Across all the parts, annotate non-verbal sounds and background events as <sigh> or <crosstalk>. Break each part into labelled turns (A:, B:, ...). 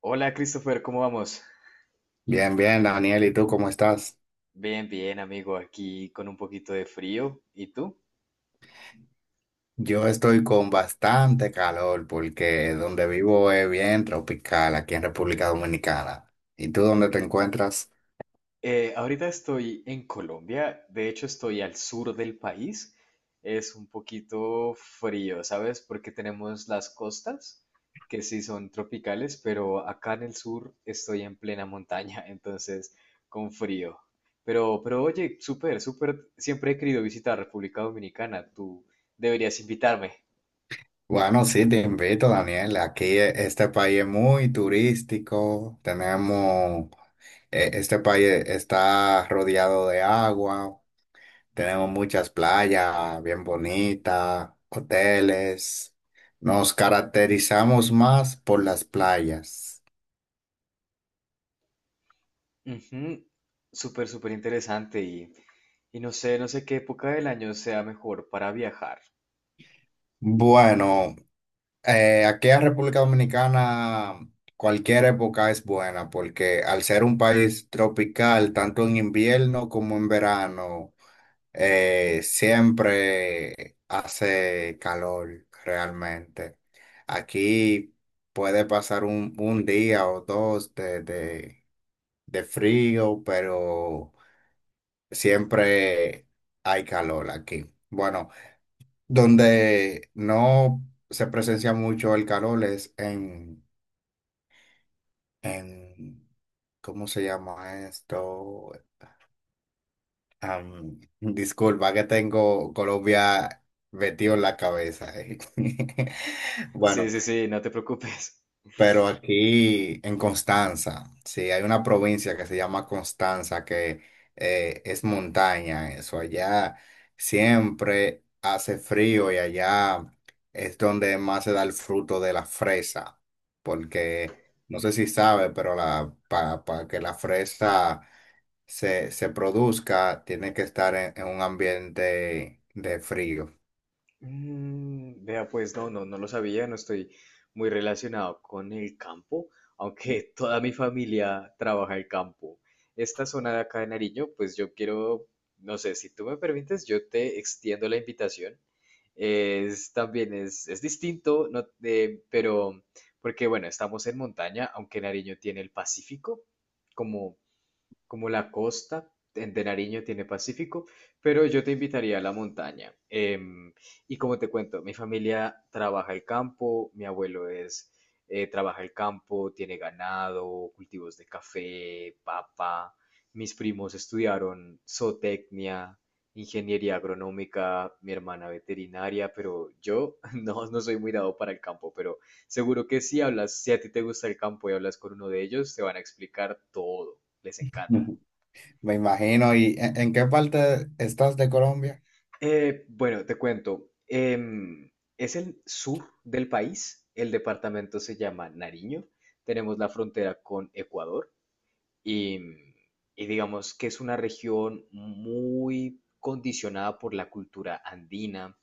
A: Hola Christopher, ¿cómo vamos?
B: Bien, bien, Daniel, ¿y tú cómo estás?
A: Bien, bien, amigo, aquí con un poquito de frío. ¿Y tú?
B: Yo estoy con bastante calor porque donde vivo es bien tropical, aquí en República Dominicana. ¿Y tú dónde te encuentras?
A: Ahorita estoy en Colombia, de hecho estoy al sur del país. Es un poquito frío, ¿sabes? Porque tenemos las costas, que sí son tropicales, pero acá en el sur estoy en plena montaña, <laughs> entonces con frío. Pero oye, súper, súper, siempre he querido visitar República Dominicana, tú deberías invitarme.
B: Bueno, sí, te invito, Daniel. Aquí este país es muy turístico. Este país está rodeado de agua. Tenemos muchas playas bien bonitas, hoteles. Nos caracterizamos más por las playas.
A: Ujú, súper, súper interesante y no sé qué época del año sea mejor para viajar.
B: Bueno, aquí en República Dominicana cualquier época es buena porque al ser un país tropical, tanto en invierno como en verano, siempre hace calor realmente. Aquí puede pasar un día o dos de de frío, pero siempre hay calor aquí. Bueno, donde no se presencia mucho el calor es en ¿cómo se llama esto? Disculpa que tengo Colombia metido en la cabeza. <laughs>
A: Sí,
B: Bueno,
A: sí, sí, no te preocupes.
B: pero aquí en Constanza, sí, hay una provincia que se llama Constanza, que es montaña, eso. Allá siempre hace frío y allá es donde más se da el fruto de la fresa, porque no sé si sabe, pero que la fresa se produzca, tiene que estar en un ambiente de frío.
A: Mm, vea, pues no, no, no lo sabía, no estoy muy relacionado con el campo, aunque <laughs> toda mi familia trabaja el campo. Esta zona de acá de Nariño, pues yo quiero, no sé, si tú me permites, yo te extiendo la invitación. Es también es distinto, no, pero porque bueno, estamos en montaña, aunque Nariño tiene el Pacífico como como la costa de Nariño tiene Pacífico, pero yo te invitaría a la montaña. Y como te cuento, mi familia trabaja el campo, mi abuelo es, trabaja el campo, tiene ganado, cultivos de café, papa. Mis primos estudiaron zootecnia, ingeniería agronómica, mi hermana veterinaria, pero yo <laughs> no, no soy muy dado para el campo, pero seguro que si hablas, si a ti te gusta el campo y hablas con uno de ellos, te van a explicar todo les encanta.
B: Ujú. Me imagino, ¿y en qué parte estás de Colombia?
A: Bueno, te cuento. Es el sur del país. El departamento se llama Nariño. Tenemos la frontera con Ecuador y, y digamos que es una región muy condicionada por la cultura andina,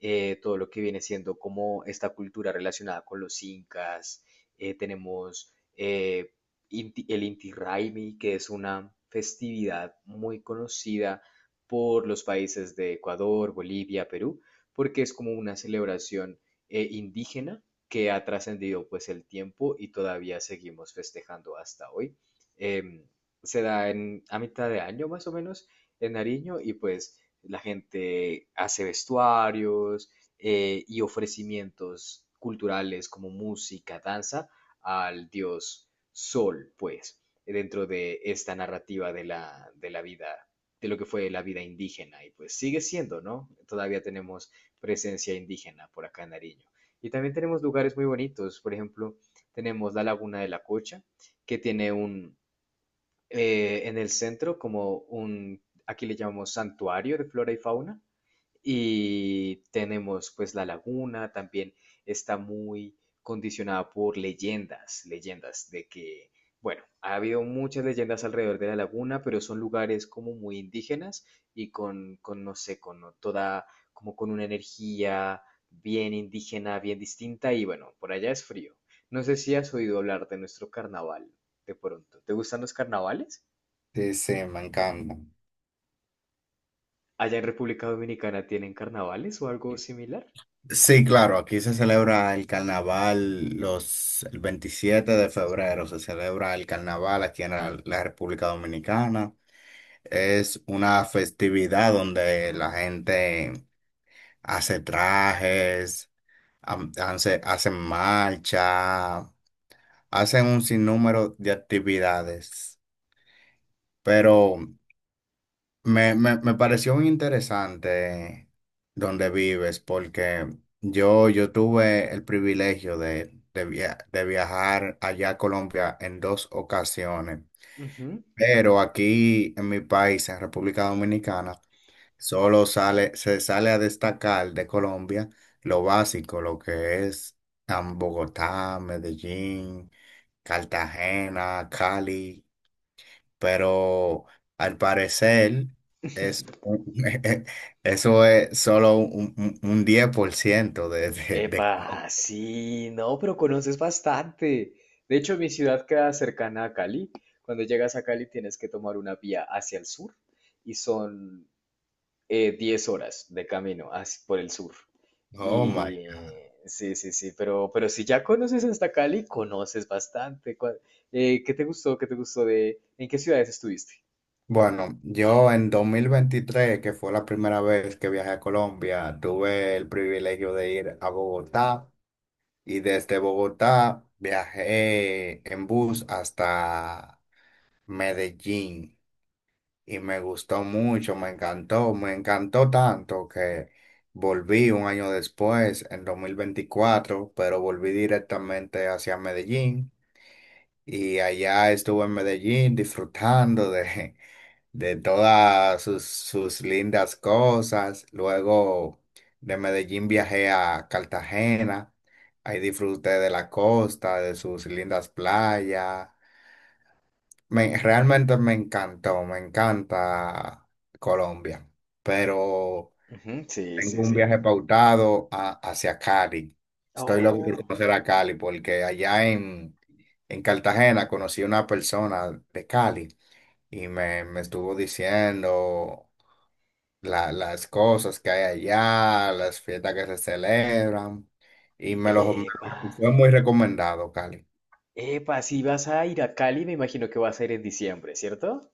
A: todo lo que viene siendo como esta cultura relacionada con los incas. Tenemos el Inti Raymi, que es una festividad muy conocida por los países de Ecuador, Bolivia, Perú, porque es como una celebración indígena que ha trascendido pues el tiempo y todavía seguimos festejando hasta hoy. Em, Se da a mitad de año más o menos en Nariño y pues la gente hace vestuarios y ofrecimientos culturales como música, danza al dios Sol, pues, dentro de esta narrativa de la vida, de lo que fue la vida indígena. Y pues sigue siendo, ¿no? Todavía tenemos presencia indígena por acá en Nariño. Y también tenemos lugares muy bonitos, por ejemplo, tenemos la Laguna de la Cocha, que tiene un, en el centro como un, aquí le llamamos santuario de flora y fauna, y tenemos pues la laguna, también está muy condicionada por leyendas, leyendas de que, bueno, ha habido muchas leyendas alrededor de la laguna, pero son lugares como muy indígenas y con no sé, con toda, como con una energía bien indígena, bien distinta, y bueno, por allá es frío. No sé si has oído hablar de nuestro carnaval, de pronto. ¿Te gustan los carnavales?
B: Sí, sí, me encanta.
A: Allá en República Dominicana tienen carnavales o algo similar.
B: Sí, claro, aquí se celebra el 27 de febrero, se celebra el carnaval aquí en la República Dominicana. Es una festividad donde la gente hace trajes, hace, hacen marcha, hacen un sinnúmero de actividades. Pero me pareció muy interesante donde vives, porque yo tuve el privilegio de viajar allá a Colombia en dos ocasiones,
A: Ujú.
B: pero aquí en mi país, en República Dominicana, solo sale, se sale a destacar de Colombia lo básico, lo que es Bogotá, Medellín, Cartagena, Cali, pero al parecer es, un-
A: <laughs>
B: <laughs> eso es solo un 10% de
A: Epa,
B: Colombia.
A: sí, no, pero conoces bastante. De hecho, mi ciudad queda cercana a Cali. Cuando llegas a Cali tienes que tomar una vía hacia el sur y son 10 horas de camino por el sur.
B: Oh my.
A: Y sí, sí, sí, pero si ya conoces hasta Cali, conoces bastante. ¿Qué te gustó? ¿Qué te gustó de... ¿En qué ciudades estuviste?
B: Bueno, yo en 2023, que fue la primera vez que viajé a Colombia, tuve el privilegio de ir a Bogotá y desde Bogotá viajé en bus hasta Medellín. Y me gustó mucho, me encantó tanto que volví un año después, en 2024, pero volví directamente hacia Medellín y allá estuve en Medellín disfrutando de, <laughs> de todas sus, sus lindas cosas. Luego de Medellín viajé a Cartagena, ahí disfruté de la costa, de sus lindas playas. Realmente me encantó, me encanta Colombia, pero
A: Ujú, sí,
B: tengo
A: sí,
B: un
A: sí.
B: viaje pautado hacia Cali. Estoy loco por
A: Oh.
B: conocer a Cali porque en Cartagena conocí una persona de Cali y me estuvo diciendo las cosas que hay allá, las fiestas que se celebran y
A: Epa,
B: fue muy recomendado Cali.
A: epa, si vas a ir a Cali, me imagino que va a ser en diciembre, ¿cierto?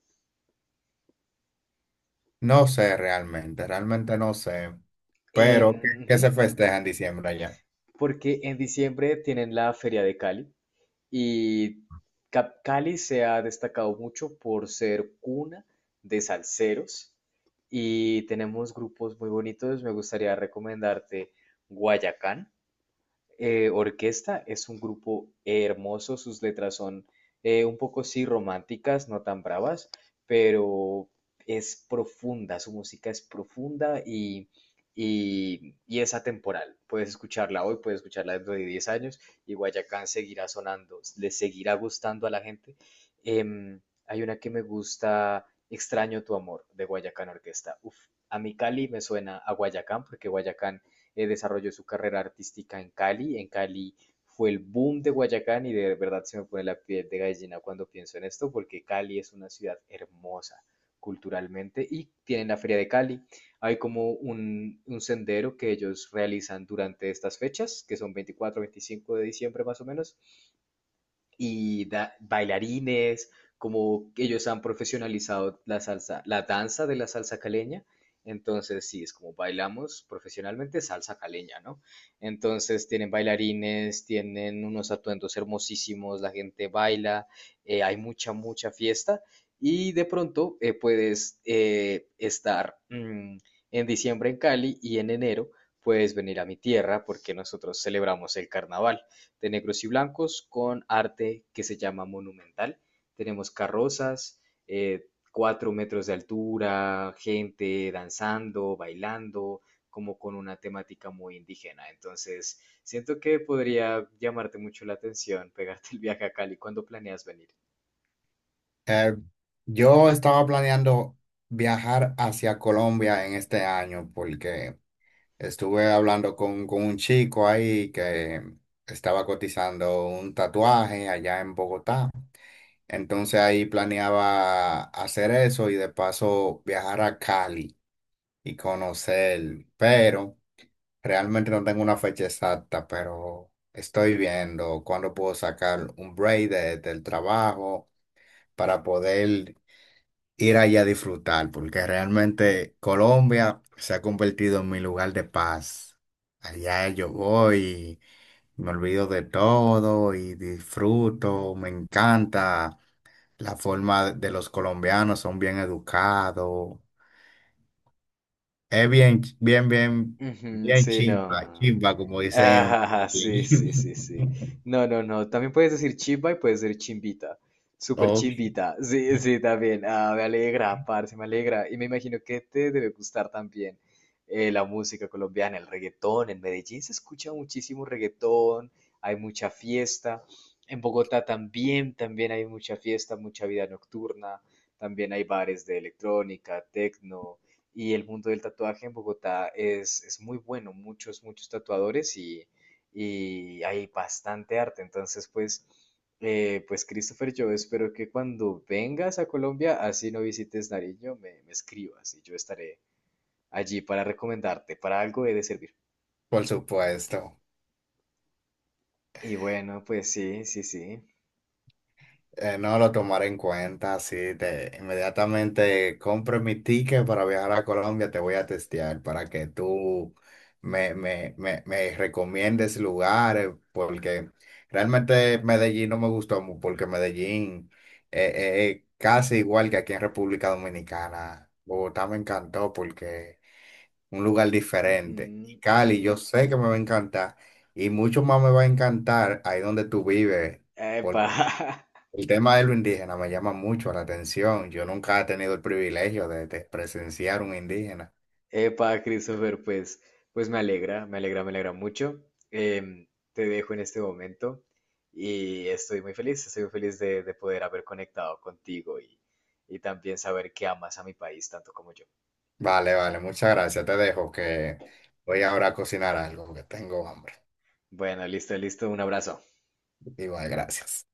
B: No sé realmente, realmente no sé, pero ¿qué, qué
A: Ujú,
B: se festeja en diciembre allá?
A: porque en diciembre tienen la Feria de Cali y Cali se ha destacado mucho por ser cuna de salseros y tenemos grupos muy bonitos. Me gustaría recomendarte Guayacán. Orquesta es un grupo hermoso, sus letras son un poco sí románticas, no tan bravas, pero es profunda, su música es profunda y es atemporal. Puedes escucharla hoy, puedes escucharla dentro de 10 años y Guayacán seguirá sonando, le seguirá gustando a la gente. Em, Hay una que me gusta, Extraño tu amor, de Guayacán Orquesta. Uf, a mi Cali me suena a Guayacán porque Guayacán desarrolló su carrera artística en Cali. En Cali fue el boom de Guayacán y de verdad se me pone la piel de gallina cuando pienso en esto, porque Cali es una ciudad hermosa culturalmente y tienen la Feria de Cali. Hay como un sendero que ellos realizan durante estas fechas, que son 24, 25 de diciembre más o menos, y bailarines, como ellos han profesionalizado la salsa, la danza de la salsa caleña. Entonces, sí, es como bailamos profesionalmente salsa caleña, ¿no? Entonces, tienen bailarines, tienen unos atuendos hermosísimos, la gente baila, hay mucha, mucha fiesta y de pronto puedes estar en diciembre en Cali y en enero puedes venir a mi tierra porque nosotros celebramos el carnaval de negros y blancos con arte que se llama monumental. Tenemos carrozas, eh, 4 metros de altura, gente danzando, bailando, como con una temática muy indígena. Entonces, siento que podría llamarte mucho la atención pegarte el viaje a Cali cuando planeas venir.
B: Eh, yo estaba planeando viajar hacia Colombia en este año porque estuve hablando con un chico ahí que estaba cotizando un tatuaje allá en Bogotá. Entonces ahí planeaba hacer eso y de paso viajar a Cali y conocer, pero... Realmente no tengo una fecha exacta, pero estoy viendo cuándo puedo sacar un break del trabajo para poder ir allá a disfrutar, porque realmente Colombia se ha convertido en mi lugar de paz. Allá yo voy, me olvido de todo y disfruto, me encanta la forma de los colombianos, son bien educados. Es
A: Ujú,
B: bien
A: sí,
B: chimba,
A: no.
B: chimba, como dicen en
A: Ah,
B: <laughs>
A: sí, sí, sí, sí.
B: Medellín.
A: No, no, no. También puedes decir chimba y puedes decir chimbita. Súper
B: Ok,
A: chimbita. Sí, sí, también. Ah, me alegra, parce, me alegra. Y me imagino que te debe gustar también la música colombiana, el reggaetón. En Medellín se escucha muchísimo reggaetón, hay mucha fiesta. En Bogotá también, también hay mucha fiesta, mucha vida nocturna. También hay bares de electrónica, tecno. Y el mundo del tatuaje en Bogotá es muy bueno, muchos, muchos tatuadores y hay bastante arte. Entonces, pues, pues Christopher, yo espero que cuando vengas a Colombia, así no visites Nariño, me escribas y yo estaré allí para recomendarte, para algo he de servir.
B: por supuesto.
A: Y bueno, pues sí, sí, sí.
B: No lo tomaré en cuenta, sí, te, inmediatamente compro mi ticket para viajar a Colombia, te voy a testear para que tú me recomiendes lugares, porque realmente Medellín no me gustó mucho, porque Medellín es casi igual que aquí en República Dominicana. Bogotá me encantó porque... un lugar
A: Ujú,
B: diferente. Y Cali,
A: ujú.
B: yo sé que me va a encantar y mucho más me va a encantar ahí donde tú vives. Por
A: Epa. <laughs>
B: el tema de lo indígena me llama mucho la atención. Yo nunca he tenido el privilegio de presenciar un indígena.
A: Epa, Christopher, pues, pues me alegra, me alegra, me alegra mucho. Em, Te dejo en este momento y estoy muy feliz de poder haber conectado contigo y también saber que amas a mi país tanto como yo.
B: Vale, vale, muchas gracias. Te dejo que voy ahora a cocinar algo que tengo hambre.
A: Bueno, listo, listo, un abrazo.
B: Igual, gracias.